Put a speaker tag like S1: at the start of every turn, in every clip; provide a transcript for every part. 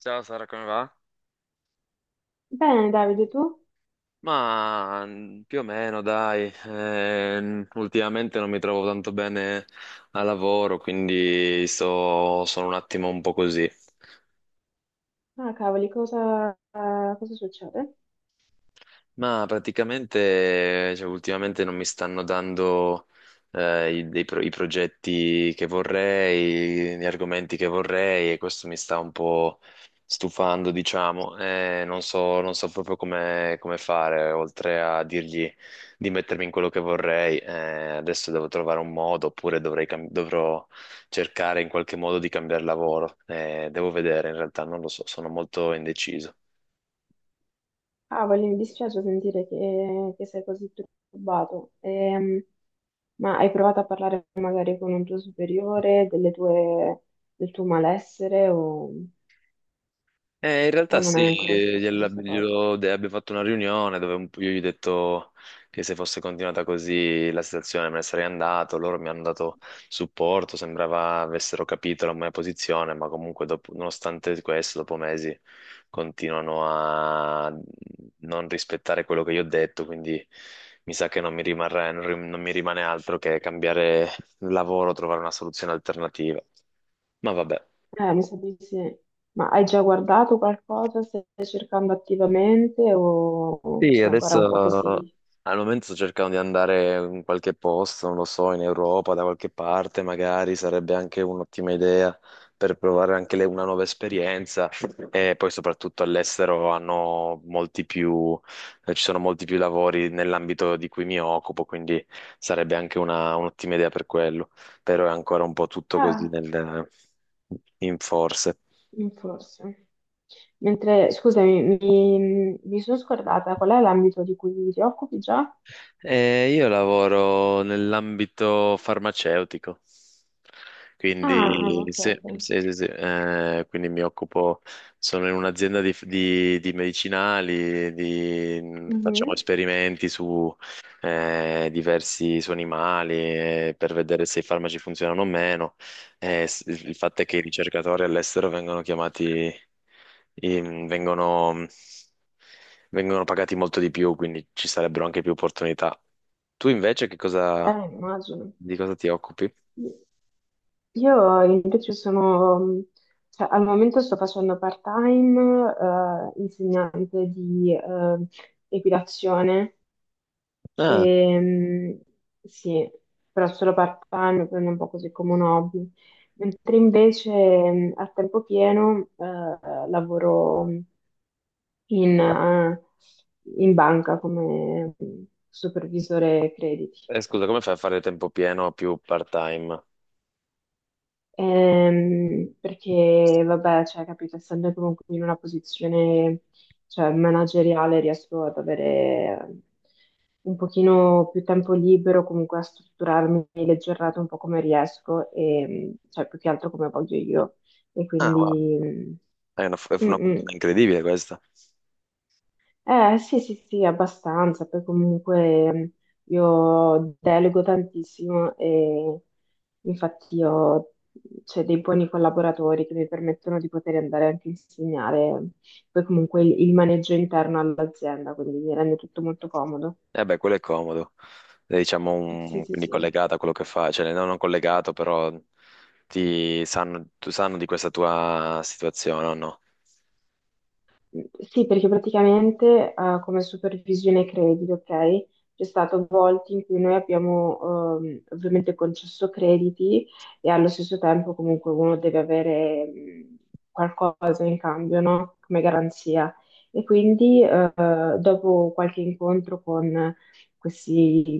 S1: Ciao Sara, come va?
S2: Bene, Davide, tu?
S1: Ma più o meno, dai. Ultimamente non mi trovo tanto bene al lavoro, quindi sono un attimo un po' così.
S2: Ah, cavoli, cosa, cosa succede?
S1: Ma praticamente, cioè, ultimamente non mi stanno dando i progetti che vorrei, gli argomenti che vorrei e questo mi sta un po' stufando, diciamo. Non so, non so proprio come, come fare, oltre a dirgli di mettermi in quello che vorrei. Adesso devo trovare un modo, oppure dovrò cercare in qualche modo di cambiare lavoro. Devo vedere, in realtà non lo so, sono molto indeciso.
S2: Cavoli, mi dispiace sentire che sei così turbato. Ma hai provato a parlare magari con un tuo superiore del tuo malessere
S1: In
S2: o
S1: realtà
S2: non
S1: sì,
S2: hai ancora espresso questa cosa?
S1: abbiamo fatto una riunione dove un po' io gli ho detto che se fosse continuata così la situazione me ne sarei andato, loro mi hanno dato supporto, sembrava avessero capito la mia posizione, ma comunque nonostante questo, dopo mesi, continuano a non rispettare quello che io ho detto, quindi mi sa che non mi rimane altro che cambiare lavoro, trovare una soluzione alternativa. Ma vabbè.
S2: Mi sa di sì. Ma hai già guardato qualcosa? Stai cercando attivamente o
S1: Sì,
S2: sei ancora un po' così?
S1: adesso al momento sto cercando di andare in qualche posto, non lo so, in Europa, da qualche parte, magari sarebbe anche un'ottima idea per provare una nuova esperienza. E poi soprattutto all'estero hanno molti più, ci sono molti più lavori nell'ambito di cui mi occupo, quindi sarebbe anche un'ottima idea per quello. Però è ancora un po' tutto
S2: Ah,
S1: in forse.
S2: forse. Mentre, scusami, mi sono scordata, qual è l'ambito di cui ti occupi già?
S1: Io lavoro nell'ambito farmaceutico,
S2: Ah,
S1: quindi,
S2: ok,
S1: sì, sì,
S2: ok.
S1: sì, sì, quindi mi occupo, sono in un'azienda di medicinali, facciamo
S2: Mhm.
S1: esperimenti su diversi su animali, per vedere se i farmaci funzionano o meno. Il fatto è che i ricercatori all'estero vengono chiamati, in- vengono, vengono pagati molto di più, quindi ci sarebbero anche più opportunità. Tu invece che cosa,
S2: Immagino.
S1: di cosa ti occupi?
S2: Io invece sono, cioè, al momento sto facendo part-time, insegnante di equitazione.
S1: Ah,
S2: Ehm, sì, però solo part-time, prendo un po' così come un hobby. Mentre invece a tempo pieno lavoro in, eh, in banca come supervisore crediti.
S1: scusa, come fai a fare tempo pieno o più part-time?
S2: Perché, vabbè, cioè, capito, essendo comunque in una posizione, cioè, manageriale, riesco ad avere un pochino più tempo libero, comunque a strutturarmi le giornate un po' come riesco e, cioè, più che altro come voglio io. E
S1: Ah, wow.
S2: quindi...
S1: È
S2: Mm,
S1: una
S2: mm. Mm.
S1: fortuna incredibile questa.
S2: Eh sì, sì, sì, abbastanza, poi comunque io delego tantissimo e infatti ho, cioè, dei buoni collaboratori che mi permettono di poter andare anche a insegnare, poi comunque il maneggio interno all'azienda, quindi mi rende tutto molto comodo.
S1: Eh beh, quello è comodo. È, diciamo,
S2: Sì, sì,
S1: quindi
S2: sì.
S1: collegata a quello che fai, cioè no, non collegato, però tu sanno di questa tua situazione o no?
S2: Sì, perché praticamente come supervisione credito, ok? C'è stato volte in cui noi abbiamo ovviamente concesso crediti e allo stesso tempo comunque uno deve avere qualcosa in cambio, no? Come garanzia. E quindi dopo qualche incontro con questi,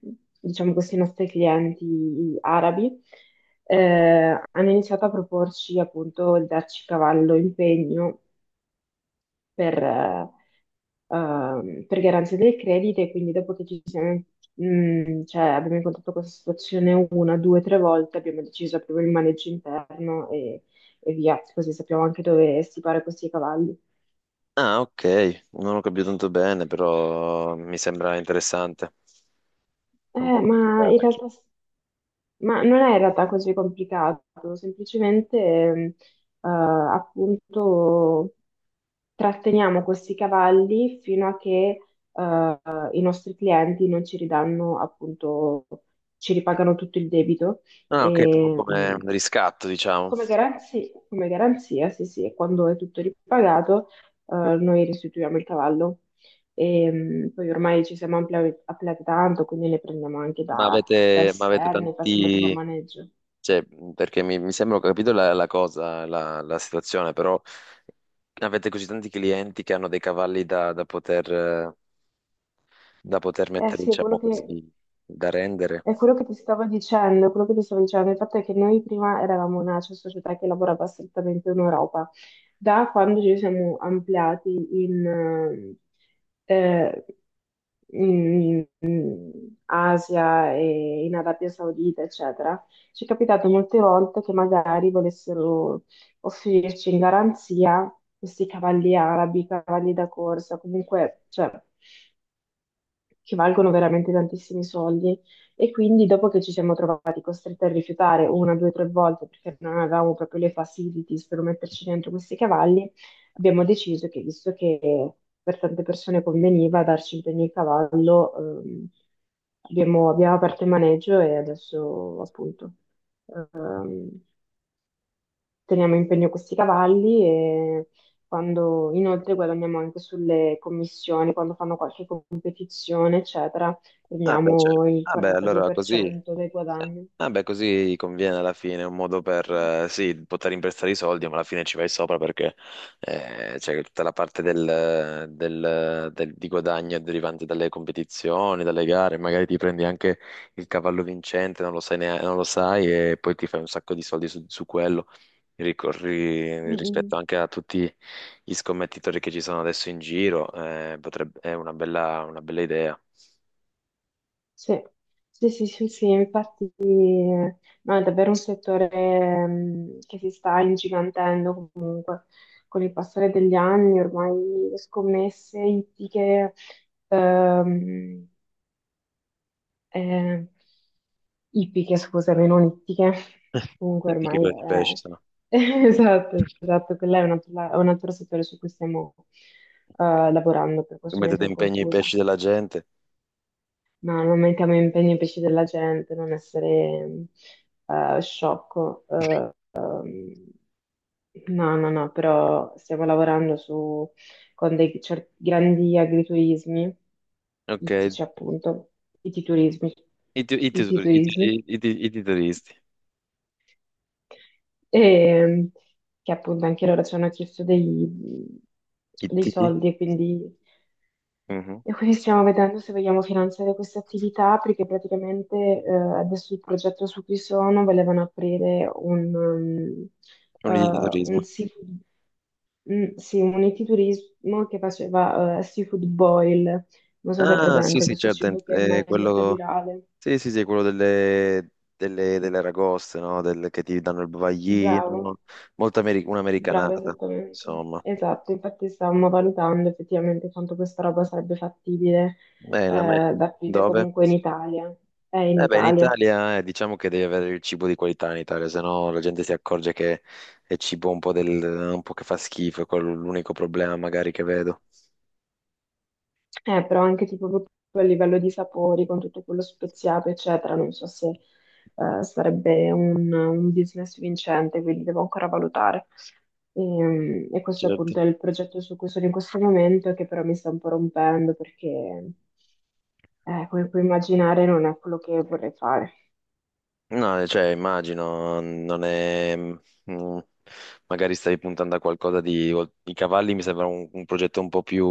S2: mh, diciamo, questi nostri clienti arabi, hanno iniziato a proporci appunto il darci cavallo in pegno per, eh, per garanzia del credito e quindi dopo che ci siamo, cioè, abbiamo incontrato questa situazione una, due, tre volte, abbiamo deciso proprio il maneggio interno e via, così sappiamo anche dove stipare questi cavalli.
S1: Ah, ok, non ho capito tanto bene, però mi sembra interessante. È un po'
S2: Ma in
S1: complicata.
S2: realtà... Ma non è in realtà così complicato, semplicemente appunto tratteniamo questi cavalli fino a che eh, i nostri clienti non ci ridanno appunto, ci ripagano tutto il debito.
S1: Ah, ok, proprio
S2: E,
S1: come
S2: mm,
S1: un riscatto, diciamo.
S2: come garanzia, sì, sì, e quando è tutto ripagato, noi restituiamo il cavallo. E, mm, poi ormai ci siamo ampliati tanto, quindi ne prendiamo anche da
S1: Ma avete
S2: esterni, facciamo tipo
S1: tanti...
S2: maneggio.
S1: Cioè, perché mi sembra ho capito la cosa, la situazione, però avete così tanti clienti che hanno dei cavalli da poter
S2: Eh
S1: mettere,
S2: sì,
S1: diciamo così, da rendere.
S2: è quello che ti stavo dicendo, è quello che ti stavo dicendo. Il fatto è che noi prima eravamo una, cioè, società che lavorava strettamente in Europa. Da quando ci siamo ampliati in, eh, in Asia e in Arabia Saudita, eccetera, ci è capitato molte volte che magari volessero offrirci in garanzia questi cavalli arabi, cavalli da corsa, comunque, cioè, che valgono veramente tantissimi soldi. E quindi dopo che ci siamo trovati costretti a rifiutare una, due, tre volte perché non avevamo proprio le facilities per metterci dentro questi cavalli, abbiamo deciso che, visto che per tante persone conveniva darci in pegno il cavallo, ehm, abbiamo aperto il maneggio e adesso appunto ehm, teniamo in pegno questi cavalli e quando inoltre guadagniamo anche sulle commissioni, quando fanno qualche competizione, eccetera,
S1: Ah, beh, cioè,
S2: prendiamo il
S1: ah, beh, allora così.
S2: 42% dei guadagni.
S1: Vabbè, così conviene alla fine, è un modo per, sì, poter imprestare i soldi, ma alla fine ci vai sopra perché c'è tutta la parte di guadagno derivante dalle competizioni, dalle gare, magari ti prendi anche il cavallo vincente, non lo sai, non lo sai e poi ti fai un sacco di soldi su quello, ricorri
S2: Mm,
S1: rispetto
S2: mm.
S1: anche a tutti gli scommettitori che ci sono adesso in giro, è una bella idea.
S2: Sì. Sì, sì, sì, sì, infatti no, è davvero un settore che si sta ingigantendo comunque con il passare degli anni, ormai le scommesse ittiche... ehm, eh, Ippiche, scusami, non ittiche.
S1: E
S2: Comunque
S1: ti che
S2: ormai
S1: di pesce,
S2: è...
S1: se no?
S2: Esatto, esatto, quella è un altro, è un altro settore su cui stiamo lavorando, per questo mi
S1: Mettete
S2: sono
S1: in pegno i
S2: confusa.
S1: pesci della gente.
S2: Ma non mettiamo impegni ai pesci della gente, non essere sciocco. No, no, no, però stiamo lavorando su, con grandi agriturismi,
S1: Ok,
S2: ittici appunto, ittiturismi,
S1: i, tu- i, tutor- i, tu- i,
S2: ittiturismi.
S1: i ti- i titolisti.
S2: E, che appunto anche loro ci hanno chiesto
S1: I
S2: dei
S1: titi?
S2: soldi
S1: Mhm.
S2: e quindi stiamo vedendo se vogliamo finanziare questa attività perché praticamente adesso il progetto su cui sono, volevano aprire un,
S1: Non
S2: um,
S1: di
S2: eh,
S1: turismo.
S2: un seafood Sì, un enoturismo che faceva seafood boil, non so se è
S1: Ah, sì,
S2: presente
S1: sì,
S2: questo
S1: certo,
S2: cibo che
S1: è
S2: ormai è molto
S1: quello...
S2: virale.
S1: Sì, sì, sì, quello delle, delle, delle aragoste, no? Che ti danno il
S2: Bravo.
S1: bavaglino, molto
S2: Brava,
S1: un'americanata,
S2: esattamente.
S1: insomma.
S2: Esatto, infatti stavamo valutando effettivamente quanto questa roba sarebbe fattibile
S1: Bene, a me...
S2: da aprire
S1: Dove?
S2: comunque in Italia. È in
S1: Eh beh, in
S2: Italia.
S1: Italia, diciamo che devi avere il cibo di qualità in Italia, se no la gente si accorge che è cibo un po', del, un po' che fa schifo, è quello l'unico problema magari che vedo.
S2: Però anche tipo proprio a livello di sapori, con tutto quello speziato, eccetera, non so se sarebbe un business vincente, quindi devo ancora valutare. E questo
S1: Certo.
S2: appunto è il progetto su cui sono in questo momento, e che però mi sta un po' rompendo perché, come puoi immaginare, non è quello che vorrei fare.
S1: No, cioè immagino, non è... mm, magari stavi puntando a qualcosa di... I cavalli mi sembra un progetto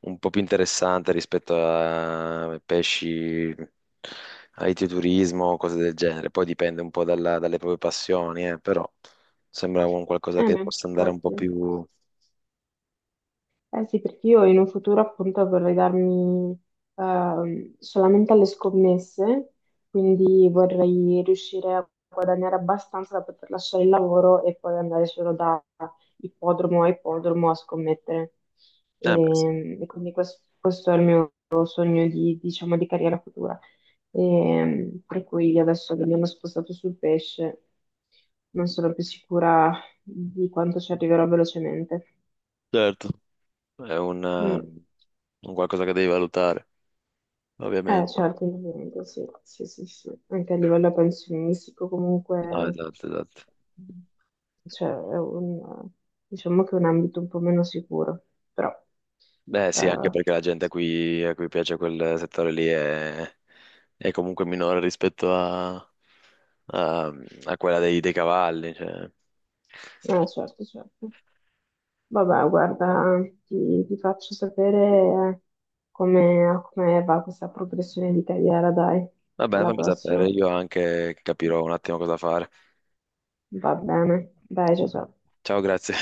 S1: un po' più interessante rispetto a pesci, agriturismo, cose del genere. Poi dipende un po' dalle proprie passioni, però sembra un qualcosa che
S2: Ma
S1: possa andare un po'
S2: infatti.
S1: più...
S2: Eh sì, perché io in un futuro appunto vorrei darmi solamente alle scommesse, quindi vorrei riuscire a guadagnare abbastanza da poter lasciare il lavoro e poi andare solo da ippodromo a ippodromo a scommettere.
S1: Beh, sì.
S2: E quindi questo è il mio sogno di, diciamo, di carriera futura. E, per cui io adesso che mi hanno spostato sul pesce, non sono più sicura di quanto ci arriverò velocemente.
S1: Certo, è
S2: Mm.
S1: un qualcosa che devi valutare, ovviamente.
S2: Certo, indubbiamente, sì, sì, sì, sì. Anche a livello pensionistico
S1: No,
S2: comunque,
S1: esatto, esatto.
S2: cioè, è un, diciamo che è un ambito un po' meno sicuro, però,
S1: Beh, sì, anche
S2: eh,
S1: perché la gente a cui piace quel settore lì è comunque minore rispetto a- a quella dei cavalli. Cioè.
S2: certo, certo. Vabbè, guarda, ti faccio sapere come va questa progressione di carriera, dai,
S1: Va bene,
S2: alla
S1: fammi sapere,
S2: prossima.
S1: io anche capirò un attimo cosa fare.
S2: Va bene, dai, ciao, ciao.
S1: Ciao, grazie.